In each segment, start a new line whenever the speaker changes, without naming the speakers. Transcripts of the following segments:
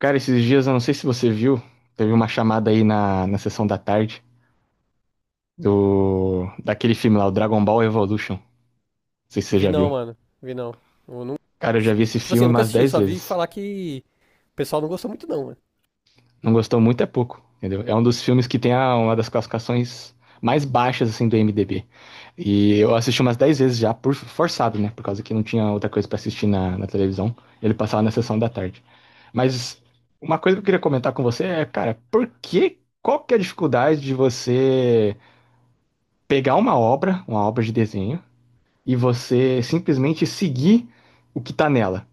Cara, esses dias, eu não sei se você viu, teve uma chamada aí na sessão da tarde do daquele filme lá, o Dragon Ball Evolution. Não sei se você
Vi
já
não,
viu.
mano. Vi não. Eu não...
Cara, eu já vi esse
Tipo assim,
filme
eu nunca
umas
assisti,
10
só vi
vezes.
falar que o pessoal não gostou muito não, mano.
Não gostou muito é pouco, entendeu? É um dos filmes que tem uma das classificações mais baixas, assim, do IMDb. E eu assisti umas 10 vezes já, por forçado, né? Por causa que não tinha outra coisa pra assistir na televisão. Ele passava na sessão da tarde. Mas uma coisa que eu queria comentar com você é, cara, por que... Qual que é a dificuldade de você pegar uma obra de desenho, e você simplesmente seguir o que tá nela,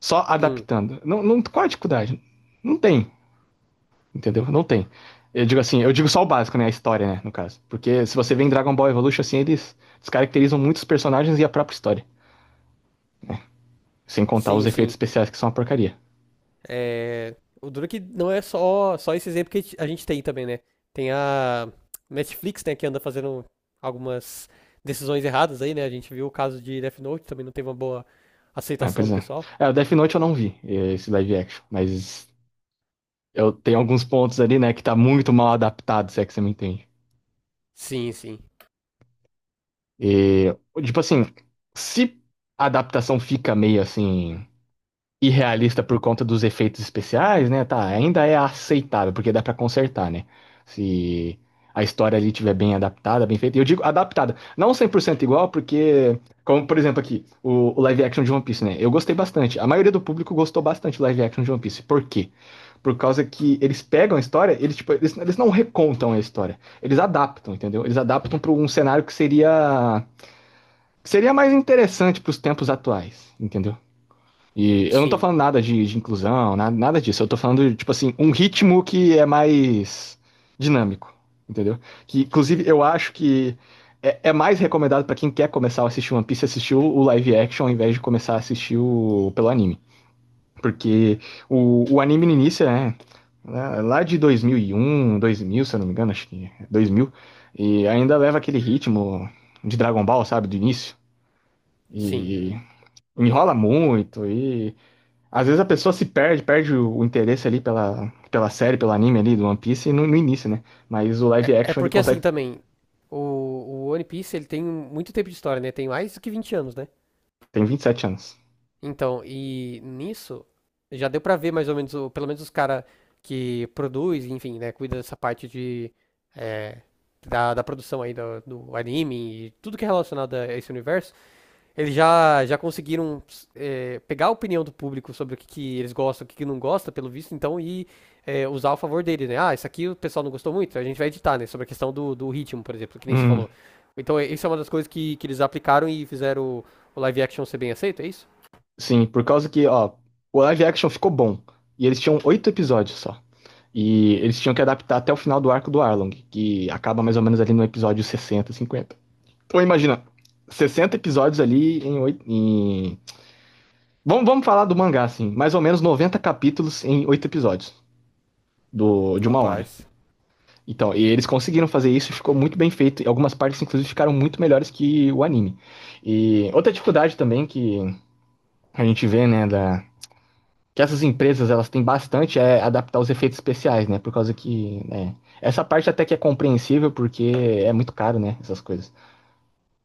só
Hum,
adaptando. Não, não, qual é a dificuldade? Não tem, entendeu? Não tem. Eu digo assim, eu digo só o básico, né? A história, né? No caso. Porque se você vê em Dragon Ball Evolution, assim, eles descaracterizam muitos personagens e a própria história. Sem contar os
sim,
efeitos
sim.
especiais que são uma porcaria.
É... O duro é que não é só esse exemplo que a gente tem também, né? Tem a Netflix, né, que anda fazendo algumas decisões erradas aí, né? A gente viu o caso de Death Note, também não teve uma boa
Ah,
aceitação
pois
do
é.
pessoal.
É, o Death Note eu não vi, esse live action. Mas eu tenho alguns pontos ali, né, que tá muito mal adaptado, se é que você me entende.
Sim, sim.
E, tipo assim, se a adaptação fica meio assim irrealista por conta dos efeitos especiais, né? Tá, ainda é aceitável, porque dá pra consertar, né? Se a história ali tiver bem adaptada, bem feita. E eu digo adaptada, não 100% igual, porque como por exemplo aqui, o live action de One Piece, né? Eu gostei bastante. A maioria do público gostou bastante do live action de One Piece. Por quê? Por causa que eles pegam a história, eles, tipo, eles não recontam a história, eles adaptam, entendeu? Eles adaptam para um cenário que seria mais interessante para os tempos atuais, entendeu? E eu não tô
Sim,
falando nada de inclusão, nada, nada disso. Eu tô falando, de, tipo assim, um ritmo que é mais dinâmico, entendeu? Que, inclusive, eu acho que é mais recomendado para quem quer começar a assistir One Piece assistir o live action ao invés de começar a assistir pelo anime. Porque o anime no início é né, lá de 2001, 2000, se eu não me engano, acho que é 2000, e ainda leva aquele ritmo de Dragon Ball, sabe, do início.
sim.
E enrola muito e às vezes a pessoa se perde, perde o interesse ali pela série, pelo anime ali do One Piece no início, né? Mas o
É,
live
é
action ele
porque assim
consegue.
também, o, o One Piece ele tem muito tempo de história, né? Tem mais do que 20 anos, né?
Tem 27 anos.
Então, e nisso já deu pra ver mais ou menos, o- pelo menos os cara que produz, enfim, né, cuida dessa parte de é, da produção aí do anime e tudo que é relacionado a esse universo, eles já conseguiram pegar a opinião do público sobre o que eles gostam, o que não gosta, pelo visto, então e usar ao favor dele, né? Ah, isso aqui o pessoal não gostou muito, a gente vai editar, né? Sobre a questão do ritmo, por exemplo, que nem você
Hum,
falou. Então, é- isso é uma das coisas que eles aplicaram e fizeram o live action ser bem aceito, é isso?
sim, por causa que, ó, o live action ficou bom. E eles tinham 8 episódios só. E eles tinham que adaptar até o final do arco do Arlong, que acaba mais ou menos ali no episódio 60, 50. Então imagina, 60 episódios ali em 8. Em... Vamos falar do mangá, assim. Mais ou menos 90 capítulos em 8 episódios de uma hora.
Rapaz.
Então, e eles conseguiram fazer isso, e ficou muito bem feito. E algumas partes, inclusive, ficaram muito melhores que o anime. E outra dificuldade também que a gente vê, né, que essas empresas elas têm bastante é adaptar os efeitos especiais, né? Por causa que, né, essa parte até que é compreensível porque é muito caro, né, essas coisas.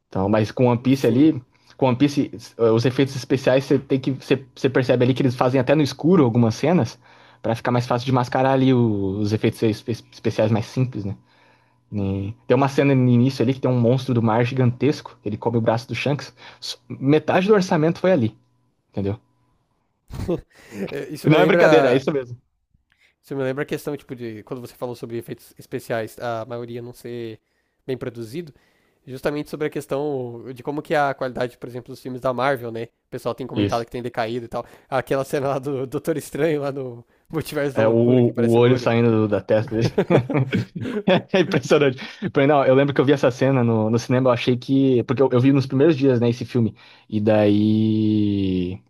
Então, mas com One Piece
Sim.
ali, com One Piece, os efeitos especiais você tem que você percebe ali que eles fazem até no escuro algumas cenas para ficar mais fácil de mascarar ali os efeitos especiais mais simples, né? E tem uma cena no início ali que tem um monstro do mar gigantesco, ele come o braço do Shanks. Metade do orçamento foi ali, entendeu?
Isso
E
me
não é brincadeira, é
lembra,
isso mesmo.
isso me lembra a questão, tipo, de quando você falou sobre efeitos especiais, a maioria não ser bem produzido, justamente sobre a questão de como que a qualidade, por exemplo, dos filmes da Marvel, né? O pessoal tem comentado
Isso.
que tem decaído e tal. Aquela cena lá do Doutor Estranho, lá no Multiverso da
É o,
Loucura, que
o
aparece o
olho
olho.
saindo da testa dele. É impressionante. Porém, não, eu lembro que eu vi essa cena no cinema, eu achei que. Porque eu vi nos primeiros dias, né, esse filme. E daí.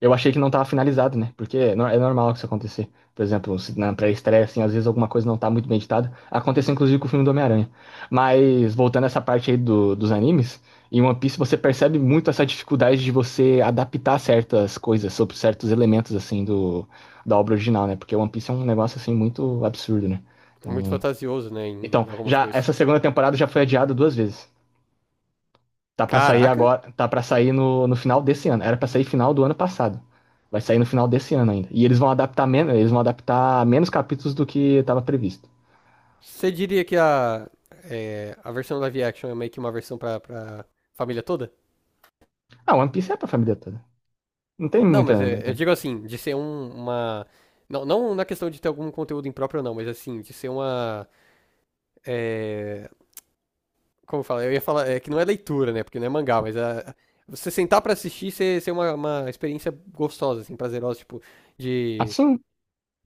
Eu achei que não tava finalizado, né? Porque é normal que isso acontecer. Por exemplo, se na pré-estreia, assim, às vezes alguma coisa não tá muito bem editada. Aconteceu inclusive com o filme do Homem-Aranha. Mas voltando a essa parte aí dos animes, em One Piece você percebe muito essa dificuldade de você adaptar certas coisas sobre certos elementos, assim, da obra original, né? Porque One Piece é um negócio, assim, muito absurdo, né?
Muito
Então,
fantasioso, né,
então,
em algumas
já
coisas.
essa segunda temporada já foi adiada duas vezes. Tá pra sair
Caraca!
agora, tá pra sair no final desse ano. Era pra sair final do ano passado. Vai sair no final desse ano ainda. E eles vão adaptar menos, eles vão adaptar menos capítulos do que estava previsto.
Você diria que a, a versão live action é meio que uma versão pra família toda?
Ah, One Piece é pra família toda. Não tem
Não, mas
muita,
é, eu
muita...
digo assim, de ser um- uma. Não, não na questão de ter algum conteúdo impróprio, não, mas assim, de ser uma. é, Como fala? Eu ia falar, é que não é leitura, né? Porque não é mangá, mas a- você sentar pra assistir ser uma experiência gostosa, assim, prazerosa, tipo, de.
Assim,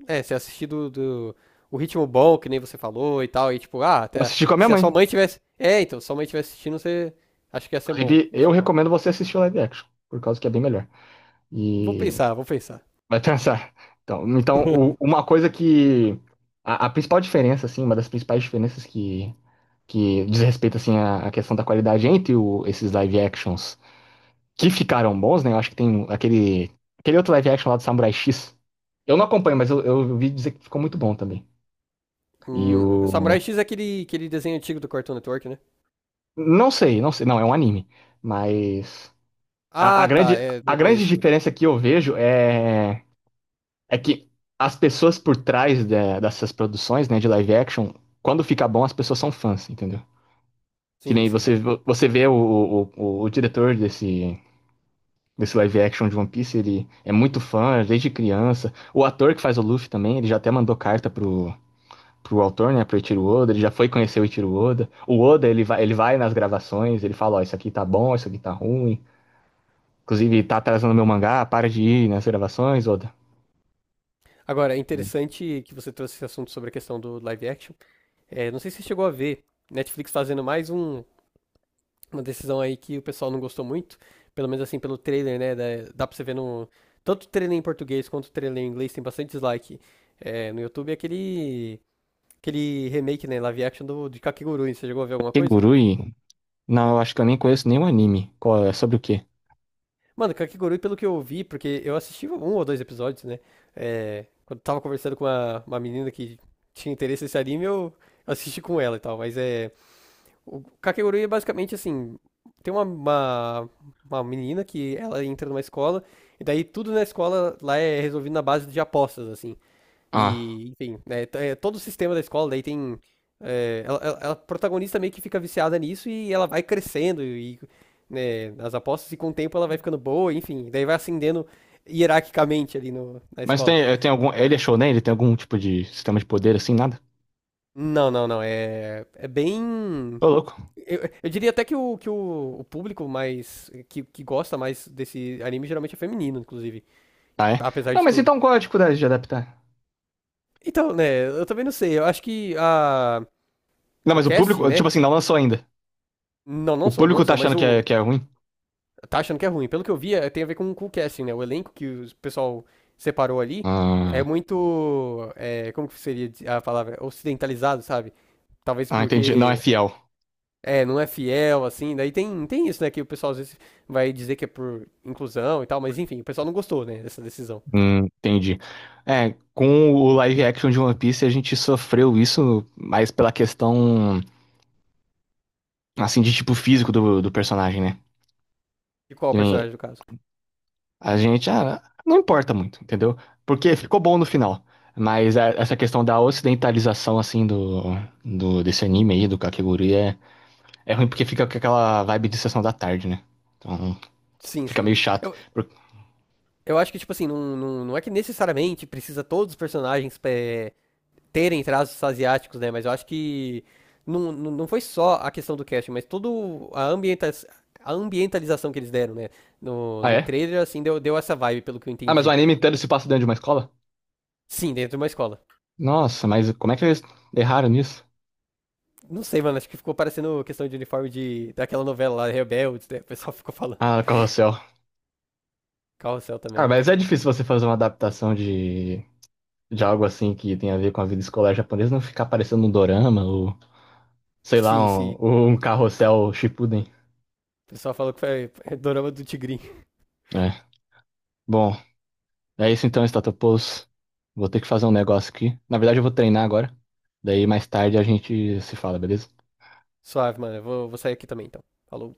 É, você assistir do, do- o ritmo bom, que nem você falou e tal, e tipo, ah,
eu
até-
assisti com a minha
se a sua
mãe.
mãe tivesse. É, então, se sua mãe tivesse assistindo, você. Acho que ia ser bom.
Inclusive,
Ia
eu
ser top.
recomendo você assistir o live action, por causa que é bem melhor.
Vou
E
pensar, vou pensar.
vai pensar. Então, uma coisa que a principal diferença, assim, uma das principais diferenças que diz respeito assim, à questão da qualidade entre esses live actions que ficaram bons, né? Eu acho que tem aquele, aquele outro live action lá do Samurai X. Eu não acompanho, mas eu ouvi dizer que ficou muito bom também. E
Samurai
o.
X é aquele, aquele desenho antigo do Cartoon Network, né?
Não sei, não sei. Não, é um anime. Mas. A
Ah, tá,
grande,
é,
a
não
grande
conheço muito.
diferença que eu vejo é que as pessoas por trás dessas produções, né, de live action, quando fica bom, as pessoas são fãs, entendeu? Que
Sim,
nem
sim.
você vê o diretor desse, live action de One Piece, ele é muito fã é desde criança. O ator que faz o Luffy também, ele já até mandou carta pro autor, né, pro Eiichiro Oda, ele já foi conhecer o Eiichiro Oda. O Oda, ele vai nas gravações, ele fala, ó, isso aqui tá bom, isso aqui tá ruim. Inclusive, tá atrasando meu mangá, para de ir nas gravações, Oda.
Agora, é interessante que você trouxe esse assunto sobre a questão do live action. É, não sei se você chegou a ver. Netflix fazendo mais um, uma decisão aí que o pessoal não gostou muito, pelo menos assim pelo trailer, né? Da, dá pra você ver no. Tanto o trailer em português quanto o trailer em inglês tem bastante dislike no YouTube. É aquele, aquele remake, né? Live action do, de Kakegurui. Você chegou a ver alguma coisa?
Kegurui? Não, eu acho que eu nem conheço nenhum anime. Qual é? Sobre o quê?
Mano, Kakegurui, pelo que eu vi, porque eu assisti um ou dois episódios, né? É, quando eu tava conversando com uma menina que tinha interesse nesse anime, eu assisti com ela e tal. Mas é. O Kakegurui é basicamente assim, tem uma menina que ela entra numa escola, e daí tudo na escola lá é resolvido na base de apostas, assim.
Ah,
E, enfim, né, t- é todo o sistema da escola, daí tem. Ela, ela- ela- a protagonista meio que fica viciada nisso e ela vai crescendo e né, nas apostas, e com o tempo ela vai ficando boa, enfim, daí vai ascendendo hierarquicamente ali no, na
mas
escola.
tem, tem algum... Ele é shonen? Ele tem algum tipo de sistema de poder assim? Nada?
Não, não, não. É, é bem.
Ô, louco.
Eu diria até o público mais. Que gosta mais desse anime geralmente é feminino, inclusive.
Ah, é?
Apesar
Não,
de
mas
tudo.
então qual é a dificuldade de adaptar?
Então, né, eu também não sei. Eu acho que a,
Não,
o
mas o
casting,
público,
né?
tipo assim, não lançou ainda.
Não, não
O
sou, não
público tá
sou, mas
achando
o.
que é ruim?
Tá achando que é ruim. Pelo que eu vi, é- tem a ver com o casting, né? O elenco que o pessoal separou ali é
Ah,
muito. É, como que seria a palavra? Ocidentalizado, sabe? Talvez
ah, entendi. Não é
porque
fiel.
É, não é fiel, assim. Daí tem, tem isso, né? Que o pessoal às vezes vai dizer que é por inclusão e tal, mas enfim, o pessoal não gostou, né, dessa decisão.
Entendi. É, com o live action de One Piece a gente sofreu isso mais pela questão, assim, de tipo físico do personagem, né?
De qual
Que nem
personagem do caso?
a gente, ah, não importa muito, entendeu? Porque ficou bom no final. Mas essa questão da ocidentalização, assim, do desse anime aí, do Kakegurui, é ruim porque fica com aquela vibe de sessão da tarde, né? Então
Sim,
fica
sim.
meio chato.
Eu, eu acho que, tipo assim, não, não, não é que necessariamente precisa todos os personagens terem traços asiáticos, né? Mas eu acho que não, não foi só a questão do casting, mas toda a, ambienta, a ambientalização que eles deram, né? No,
Ah,
no
é?
trailer, assim, deu, deu essa vibe, pelo que eu
Ah, mas o
entendi.
anime inteiro se passa dentro de uma escola?
Sim, dentro de uma escola.
Nossa, mas como é que eles erraram nisso?
Não sei, mano, acho que ficou parecendo questão de uniforme de daquela novela lá, Rebeldes, né? O pessoal ficou falando.
Ah, Carrossel.
Carrossel
Ah,
também.
mas é difícil você fazer uma adaptação de algo assim que tem a ver com a vida escolar japonesa, não ficar parecendo um dorama ou, sei lá,
Sim, sim.
um Carrossel Shippuden.
O pessoal falou que foi dorama do Tigrinho.
É. Bom, é isso então, Statopoulos. Vou ter que fazer um negócio aqui. Na verdade, eu vou treinar agora. Daí mais tarde a gente se fala, beleza?
Suave, mano. Eu vou, vou sair aqui também, então. Falou.